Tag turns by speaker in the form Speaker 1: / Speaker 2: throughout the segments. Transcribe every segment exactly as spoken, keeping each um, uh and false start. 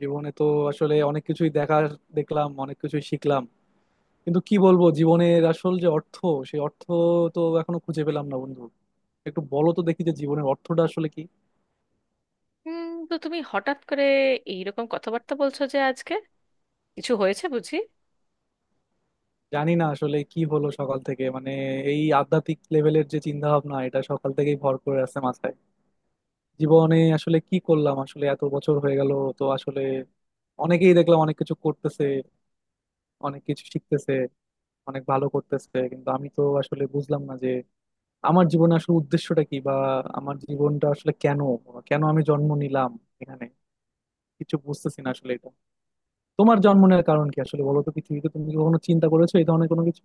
Speaker 1: জীবনে তো আসলে অনেক কিছুই দেখা দেখলাম, অনেক কিছুই শিখলাম। কিন্তু কি বলবো, জীবনের আসল যে অর্থ, সেই অর্থ তো এখনো খুঁজে পেলাম না বন্ধু। একটু বলো তো দেখি, যে জীবনের অর্থটা আসলে কি।
Speaker 2: হুম। তো তুমি হঠাৎ করে এইরকম কথাবার্তা বলছো, যে আজকে কিছু হয়েছে বুঝি?
Speaker 1: জানি না আসলে কি হলো সকাল থেকে, মানে এই আধ্যাত্মিক লেভেলের যে চিন্তা ভাবনা, এটা সকাল থেকেই ভর করে আছে মাথায়। জীবনে আসলে কি করলাম, আসলে এত বছর হয়ে গেল। তো আসলে অনেকেই দেখলাম অনেক কিছু করতেছে, অনেক কিছু শিখতেছে, অনেক ভালো করতেছে, কিন্তু আমি তো আসলে বুঝলাম না আমার জীবনে আসলে উদ্দেশ্যটা কি, বা আমার জীবনটা আসলে কেন, কেন আমি জন্ম নিলাম এখানে। কিছু বুঝতেছি না আসলে এটা। তোমার জন্ম নেওয়ার কারণ কি আসলে, বলো তো পৃথিবীতে? তুমি কি কখনো চিন্তা করেছো এই ধরনের কোনো কিছু?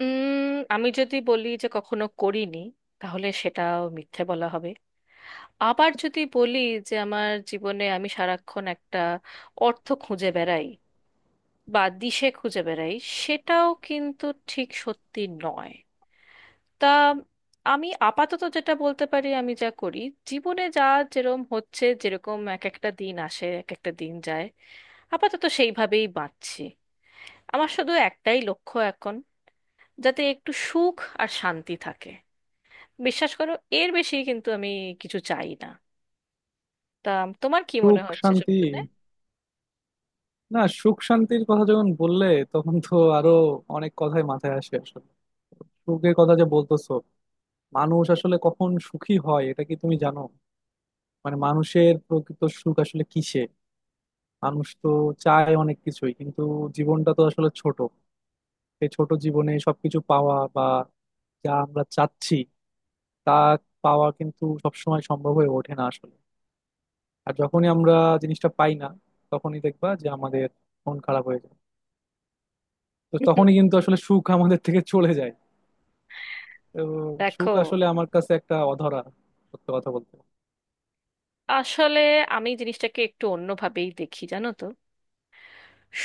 Speaker 2: উম আমি যদি বলি যে কখনো করিনি, তাহলে সেটাও মিথ্যে বলা হবে। আবার যদি বলি যে আমার জীবনে আমি সারাক্ষণ একটা অর্থ খুঁজে বেড়াই বা দিশে খুঁজে বেড়াই, সেটাও কিন্তু ঠিক সত্যি নয়। তা, আমি আপাতত যেটা বলতে পারি, আমি যা করি জীবনে, যা যেরম হচ্ছে, যেরকম এক একটা দিন আসে এক একটা দিন যায়, আপাতত সেইভাবেই বাঁচছি। আমার শুধু একটাই লক্ষ্য এখন, যাতে একটু সুখ আর শান্তি থাকে। বিশ্বাস করো, এর বেশি কিন্তু আমি কিছু চাই না। তা, তোমার কি মনে
Speaker 1: সুখ
Speaker 2: হচ্ছে সব
Speaker 1: শান্তি।
Speaker 2: শুনে?
Speaker 1: না, সুখ শান্তির কথা যখন বললে, তখন তো আরো অনেক কথাই মাথায় আসে আসলে। সুখের কথা যে বলতেছো, মানুষ আসলে কখন সুখী হয়, এটা কি তুমি জানো? মানে মানুষের প্রকৃত সুখ আসলে কিসে? মানুষ তো চায় অনেক কিছুই, কিন্তু জীবনটা তো আসলে ছোট। এই ছোট জীবনে সবকিছু পাওয়া, বা যা আমরা চাচ্ছি তা পাওয়া কিন্তু সবসময় সম্ভব হয়ে ওঠে না আসলে। আর যখনই আমরা জিনিসটা পাই না, তখনই দেখবা যে আমাদের মন খারাপ হয়ে যায়। তো তখনই কিন্তু আসলে সুখ আমাদের থেকে চলে যায়। তো সুখ
Speaker 2: দেখো,
Speaker 1: আসলে আমার কাছে একটা অধরা, সত্য কথা বলতে।
Speaker 2: আসলে আমি জিনিসটাকে একটু অন্যভাবেই দেখি, জানো তো।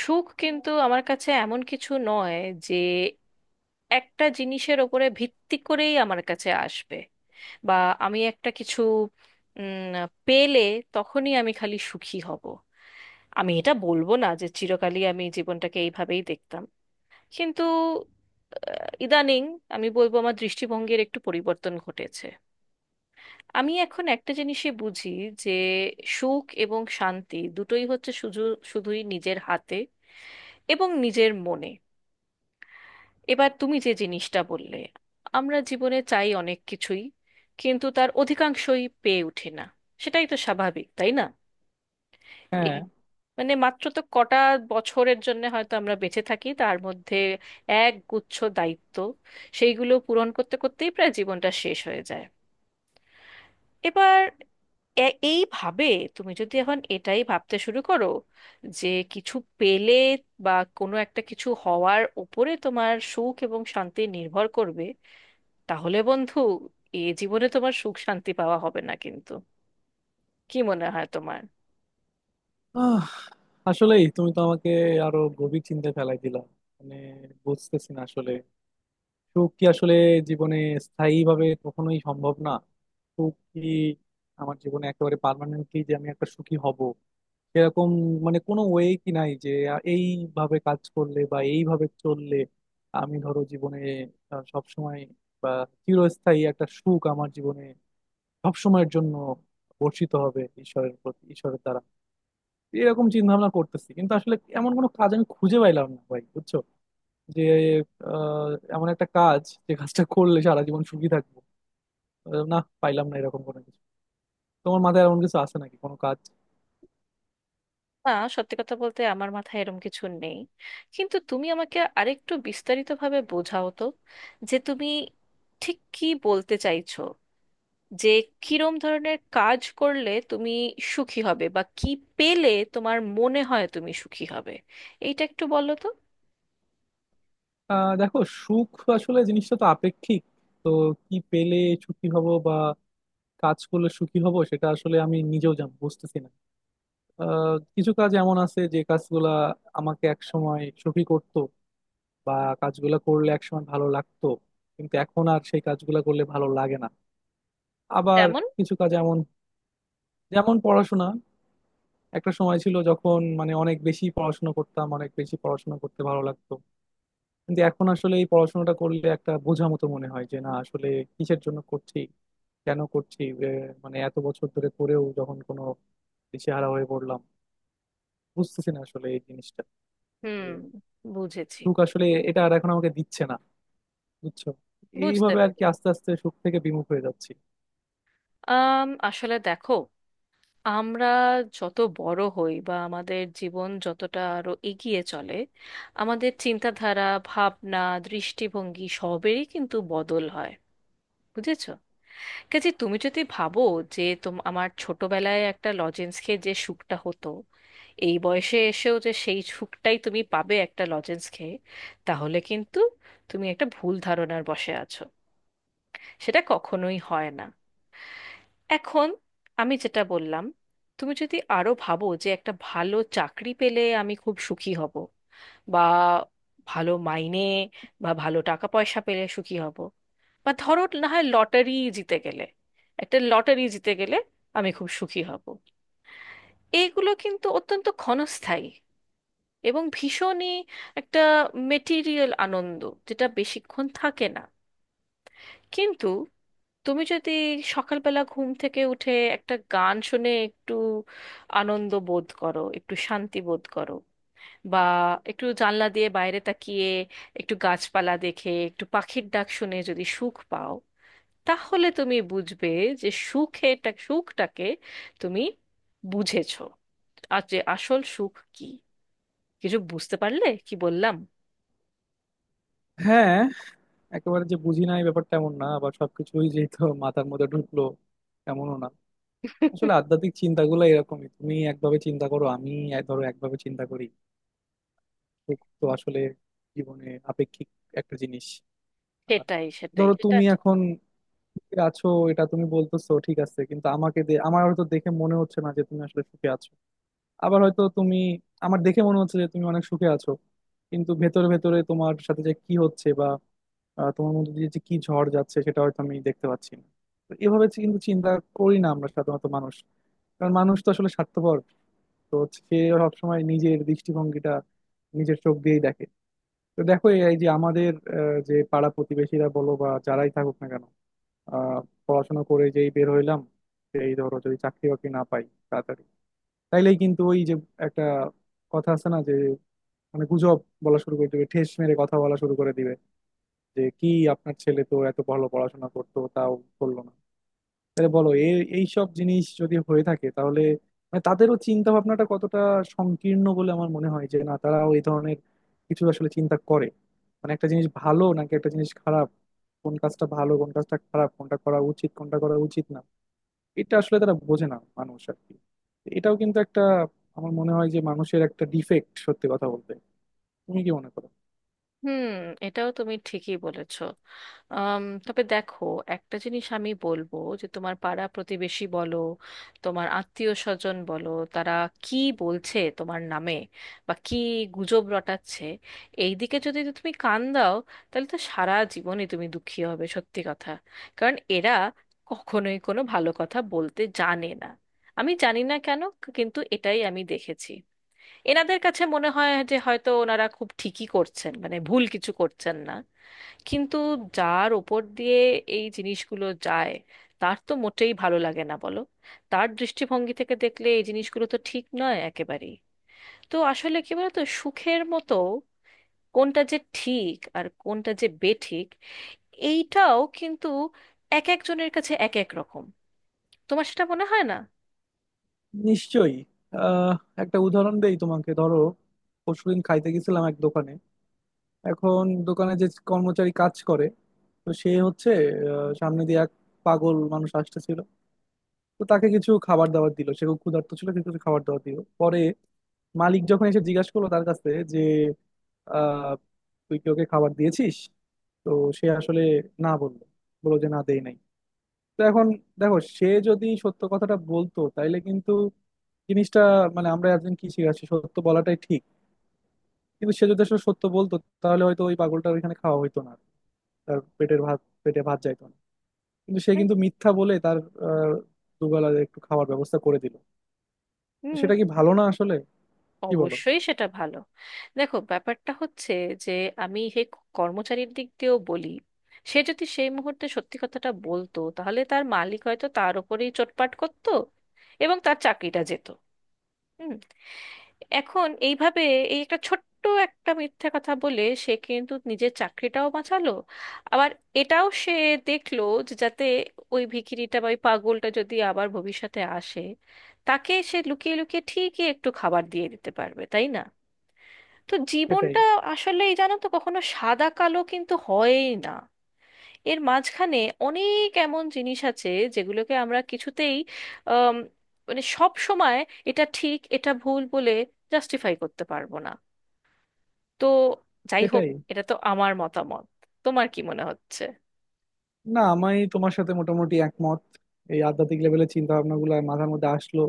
Speaker 2: সুখ কিন্তু আমার কাছে এমন কিছু নয় যে একটা জিনিসের ওপরে ভিত্তি করেই আমার কাছে আসবে, বা আমি একটা কিছু উম, পেলে তখনই আমি খালি সুখী হব। আমি এটা বলবো না যে চিরকালই আমি জীবনটাকে এইভাবেই দেখতাম, কিন্তু আহ, ইদানিং আমি বলবো আমার দৃষ্টিভঙ্গির একটু পরিবর্তন ঘটেছে। আমি এখন একটা জিনিসই বুঝি, যে সুখ এবং শান্তি দুটোই হচ্ছে শুধু, শুধুই নিজের হাতে এবং নিজের মনে। এবার তুমি যে জিনিসটা বললে, আমরা জীবনে চাই অনেক কিছুই, কিন্তু তার অধিকাংশই পেয়ে উঠি না। সেটাই তো স্বাভাবিক, তাই না? এই,
Speaker 1: হ্যাঁ।
Speaker 2: মানে মাত্র তো কটা বছরের জন্য হয়তো আমরা বেঁচে থাকি, তার মধ্যে এক গুচ্ছ দায়িত্ব, সেইগুলো পূরণ করতে করতেই প্রায় জীবনটা শেষ হয়ে যায়। এবার এ- এইভাবে তুমি যদি এখন এটাই ভাবতে শুরু করো যে কিছু পেলে, বা কোনো একটা কিছু হওয়ার উপরে তোমার সুখ এবং শান্তি নির্ভর করবে, তাহলে বন্ধু, এ জীবনে তোমার সুখ শান্তি পাওয়া হবে না কিন্তু। কি মনে হয় তোমার?
Speaker 1: আহ, আসলেই তুমি তো আমাকে আরো গভীর চিন্তায় ফেলাই দিলা। মানে বুঝতেছি না আসলে, সুখ কি আসলে জীবনে স্থায়ী ভাবে কখনোই সম্ভব না? সুখ কি আমার জীবনে একেবারে পার্মানেন্টলি, যে আমি একটা সুখী হব, এরকম মানে কোনো ওয়ে কি নাই যে আ, এইভাবে কাজ করলে বা এইভাবে চললে আমি, ধরো, জীবনে সব সময়, বা চিরস্থায়ী একটা সুখ আমার জীবনে সবসময়ের জন্য বর্ষিত হবে ঈশ্বরের প্রতি, ঈশ্বরের দ্বারা? এরকম চিন্তা ভাবনা করতেছি, কিন্তু আসলে এমন কোনো কাজ আমি খুঁজে পাইলাম না ভাই, বুঝছো? যে আহ, এমন একটা কাজ, যে কাজটা করলে সারা জীবন সুখী থাকবো। আহ, না, পাইলাম না এরকম কোনো কিছু। তোমার মাথায় এমন কিছু আছে নাকি, কোনো কাজ?
Speaker 2: না, সত্যি কথা বলতে আমার মাথায় এরম কিছু নেই। কিন্তু তুমি আমাকে আরেকটু বিস্তারিতভাবে বোঝাও তো, যে তুমি ঠিক কি বলতে চাইছো, যে কিরম ধরনের কাজ করলে তুমি সুখী হবে, বা কি পেলে তোমার মনে হয় তুমি সুখী হবে। এইটা একটু বলো তো।
Speaker 1: আহ দেখো, সুখ আসলে জিনিসটা তো আপেক্ষিক। তো কি পেলে সুখী হব, বা কাজ করলে সুখী হব, সেটা আসলে আমি নিজেও জানি, বুঝতেছি না। আহ, কিছু কাজ এমন আছে যে কাজগুলা আমাকে একসময় সুখী করতো, বা কাজগুলা করলে একসময় ভালো লাগতো, কিন্তু এখন আর সেই কাজগুলা করলে ভালো লাগে না। আবার
Speaker 2: যেমন?
Speaker 1: কিছু কাজ এমন, যেমন পড়াশোনা। একটা সময় ছিল যখন মানে অনেক বেশি পড়াশোনা করতাম, অনেক বেশি পড়াশোনা করতে ভালো লাগতো। কিন্তু এখন আসলে এই পড়াশোনাটা করলে একটা বোঝা মতো মনে হয়, যে না আসলে কিসের জন্য করছি, কেন করছি, এ, মানে এত বছর ধরে করেও যখন কোনো দিশেহারা হয়ে পড়লাম, বুঝতেছি না আসলে এই জিনিসটা।
Speaker 2: হুম।
Speaker 1: যে
Speaker 2: বুঝেছি।
Speaker 1: সুখ আসলে এটা আর এখন আমাকে দিচ্ছে না, বুঝছো?
Speaker 2: বুঝতে
Speaker 1: এইভাবে আর কি
Speaker 2: পেরেছি।
Speaker 1: আস্তে আস্তে সুখ থেকে বিমুখ হয়ে যাচ্ছি।
Speaker 2: আম, আসলে দেখো, আমরা যত বড় হই বা আমাদের জীবন যতটা আরো এগিয়ে চলে, আমাদের চিন্তাধারা, ভাবনা, দৃষ্টিভঙ্গি সবেরই কিন্তু বদল হয়। বুঝেছো? কাজে তুমি যদি ভাবো যে তোম আমার ছোটবেলায় একটা লজেন্স খেয়ে যে সুখটা হতো, এই বয়সে এসেও যে সেই সুখটাই তুমি পাবে একটা লজেন্স খেয়ে, তাহলে কিন্তু তুমি একটা ভুল ধারণার বশে আছো। সেটা কখনোই হয় না। এখন আমি যেটা বললাম, তুমি যদি আরো ভাবো যে একটা ভালো চাকরি পেলে আমি খুব সুখী হব, বা ভালো মাইনে বা ভালো টাকা পয়সা পেলে সুখী হব, বা ধরো না হয় লটারি জিতে গেলে, একটা লটারি জিতে গেলে আমি খুব সুখী হব, এইগুলো কিন্তু অত্যন্ত ক্ষণস্থায়ী এবং ভীষণই একটা মেটিরিয়াল আনন্দ, যেটা বেশিক্ষণ থাকে না। কিন্তু তুমি যদি সকালবেলা ঘুম থেকে উঠে একটা গান শুনে একটু আনন্দ বোধ করো, একটু শান্তি বোধ করো, বা একটু জানলা দিয়ে বাইরে তাকিয়ে একটু গাছপালা দেখে একটু পাখির ডাক শুনে যদি সুখ পাও, তাহলে তুমি বুঝবে যে সুখেটা সুখটাকে তুমি বুঝেছো, আর যে আসল সুখ কি। কিছু বুঝতে পারলে কি বললাম?
Speaker 1: হ্যাঁ, একেবারে যে বুঝি না এই ব্যাপারটা, এমন না। আবার সবকিছুই যেহেতু মাথার মধ্যে ঢুকলো, এমনও না। আসলে আধ্যাত্মিক চিন্তাগুলো এরকমই, তুমি একভাবে চিন্তা করো, আমি ধরো একভাবে চিন্তা করি। সুখ তো আসলে জীবনে আপেক্ষিক একটা জিনিস। আর
Speaker 2: সেটাই, সেটাই,
Speaker 1: ধরো
Speaker 2: সেটা।
Speaker 1: তুমি এখন সুখে আছো, এটা তুমি বলতেছো, ঠিক আছে, কিন্তু আমাকে দে- আমার হয়তো দেখে মনে হচ্ছে না যে তুমি আসলে সুখে আছো। আবার হয়তো তুমি, আমার দেখে মনে হচ্ছে যে তুমি অনেক সুখে আছো, কিন্তু ভেতরে ভেতরে তোমার সাথে যে কি হচ্ছে, বা আহ, তোমার মধ্যে দিয়ে যে কি ঝড় যাচ্ছে, সেটা হয়তো আমি দেখতে পাচ্ছি না। তো এভাবে চি- কিন্তু চিন্তা করি না আমরা সাধারণত মানুষ, কারণ মানুষ তো আসলে স্বার্থপর। তো সে সবসময় নিজের দৃষ্টিভঙ্গিটা নিজের চোখ দিয়েই দেখে। তো দেখো, এই এই যে আমাদের আহ, যে পাড়া প্রতিবেশীরা বলো বা যারাই থাকুক না কেন, আহ, পড়াশোনা করে যেই বের হইলাম, এই ধরো যদি চাকরি বাকরি না পাই তাড়াতাড়ি, তাইলেই কিন্তু ওই যে একটা কথা আছে না, যে মানে গুজব বলা শুরু করে দিবে, ঠেস মেরে কথা বলা শুরু করে দিবে, যে কি আপনার ছেলে তো এত ভালো পড়াশোনা করতো, তাও করলো না। তাহলে বলো, এই সব জিনিস যদি হয়ে থাকে, তাহলে মানে তাদেরও চিন্তা ভাবনাটা কতটা সংকীর্ণ বলে আমার মনে হয়। যে না, তারাও এই ধরনের কিছু আসলে চিন্তা করে, মানে একটা জিনিস ভালো নাকি একটা জিনিস খারাপ, কোন কাজটা ভালো কোন কাজটা খারাপ, কোনটা করা উচিত কোনটা করা উচিত না, এটা আসলে তারা বোঝে না মানুষ আর কি। এটাও কিন্তু একটা, আমার মনে হয় যে মানুষের একটা ডিফেক্ট, সত্যি কথা বলতে। তুমি কি মনে করো?
Speaker 2: হুম, এটাও তুমি ঠিকই বলেছো। আম, তবে দেখো, একটা জিনিস আমি বলবো, যে তোমার পাড়া প্রতিবেশী বলো, তোমার আত্মীয় স্বজন বলো, তারা কি বলছে তোমার নামে বা কি গুজব রটাচ্ছে, এই দিকে যদি তুমি কান দাও, তাহলে তো সারা জীবনই তুমি দুঃখী হবে, সত্যি কথা। কারণ এরা কখনোই কোনো ভালো কথা বলতে জানে না। আমি জানি না কেন, কিন্তু এটাই আমি দেখেছি। এনাদের কাছে মনে হয় যে হয়তো ওনারা খুব ঠিকই করছেন, মানে ভুল কিছু করছেন না, কিন্তু যার ওপর দিয়ে এই জিনিসগুলো যায়, তার তো মোটেই ভালো লাগে না, বলো। তার দৃষ্টিভঙ্গি থেকে দেখলে এই জিনিসগুলো তো ঠিক নয় একেবারেই। তো আসলে কি বলতো, সুখের মতো কোনটা যে ঠিক আর কোনটা যে বেঠিক, এইটাও কিন্তু এক একজনের কাছে এক এক রকম। তোমার সেটা মনে হয় না?
Speaker 1: নিশ্চয়ই। আহ, একটা উদাহরণ দেই তোমাকে, ধরো পরশুদিন খাইতে গেছিলাম এক দোকানে। এখন দোকানে যে কর্মচারী কাজ করে, তো সে হচ্ছে, আহ, সামনে দিয়ে এক পাগল মানুষ আসতেছিল। তো তাকে কিছু খাবার দাবার দিল, সে খুব ক্ষুধার্ত ছিল, তাকে কিছু খাবার দাবার দিল। পরে মালিক যখন এসে জিজ্ঞাসা করলো তার কাছে যে, আহ, তুই কি ওকে খাবার দিয়েছিস? তো সে আসলে না বললো, বললো যে না দেই নাই। তো এখন দেখো, সে যদি সত্য কথাটা বলতো, তাইলে কিন্তু জিনিসটা, মানে আমরা একজন কি শিখাচ্ছি, সত্য বলাটাই ঠিক। কিন্তু সে যদি আসলে সত্য বলতো, তাহলে হয়তো ওই পাগলটা ওইখানে খাওয়া হইতো না, তার পেটের ভাত পেটে ভাত যাইতো না। কিন্তু সে কিন্তু মিথ্যা বলে তার আহ, দুবেলা একটু খাওয়ার ব্যবস্থা করে দিল। তো
Speaker 2: হুম,
Speaker 1: সেটা কি ভালো না আসলে? কি বলো?
Speaker 2: অবশ্যই সেটা ভালো। দেখো, ব্যাপারটা হচ্ছে যে আমি সেই কর্মচারীর দিক দিয়েও বলি, সে যদি সেই মুহূর্তে সত্যি কথাটা বলতো তাহলে তার মালিক হয়তো তার ওপরেই চোটপাট করতো, এবং তার চাকরিটা যেত। হুম। এখন এইভাবে, এই একটা ছোট্ট একটা মিথ্যা কথা বলে সে কিন্তু নিজের চাকরিটাও বাঁচালো। আবার এটাও সে দেখলো, যে যাতে ওই ভিখিরিটা বা ওই পাগলটা যদি আবার ভবিষ্যতে আসে, তাকে সে লুকিয়ে লুকিয়ে ঠিকই একটু খাবার দিয়ে দিতে পারবে, তাই না? তো
Speaker 1: সেটাই
Speaker 2: জীবনটা আসলে এই, জানো তো, কখনো সাদা কালো কিন্তু হয়ই না। এর মাঝখানে অনেক এমন জিনিস আছে যেগুলোকে আমরা কিছুতেই, আম, মানে সব সময় এটা ঠিক এটা ভুল বলে জাস্টিফাই করতে পারবো না। তো যাই হোক,
Speaker 1: সেটাই
Speaker 2: এটা তো আমার মতামত। তোমার কি মনে হচ্ছে?
Speaker 1: না, আমি তোমার সাথে মোটামুটি একমত। এই আধ্যাত্মিক লেভেলের চিন্তা ভাবনা গুলো মাথার মধ্যে আসলো,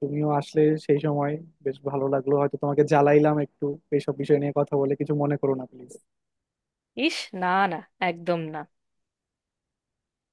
Speaker 1: তুমিও আসলে সেই সময় বেশ ভালো লাগলো। হয়তো তোমাকে জ্বালাইলাম একটু এইসব বিষয় নিয়ে কথা বলে, কিছু মনে করো না প্লিজ।
Speaker 2: ইস! না, না, একদম না।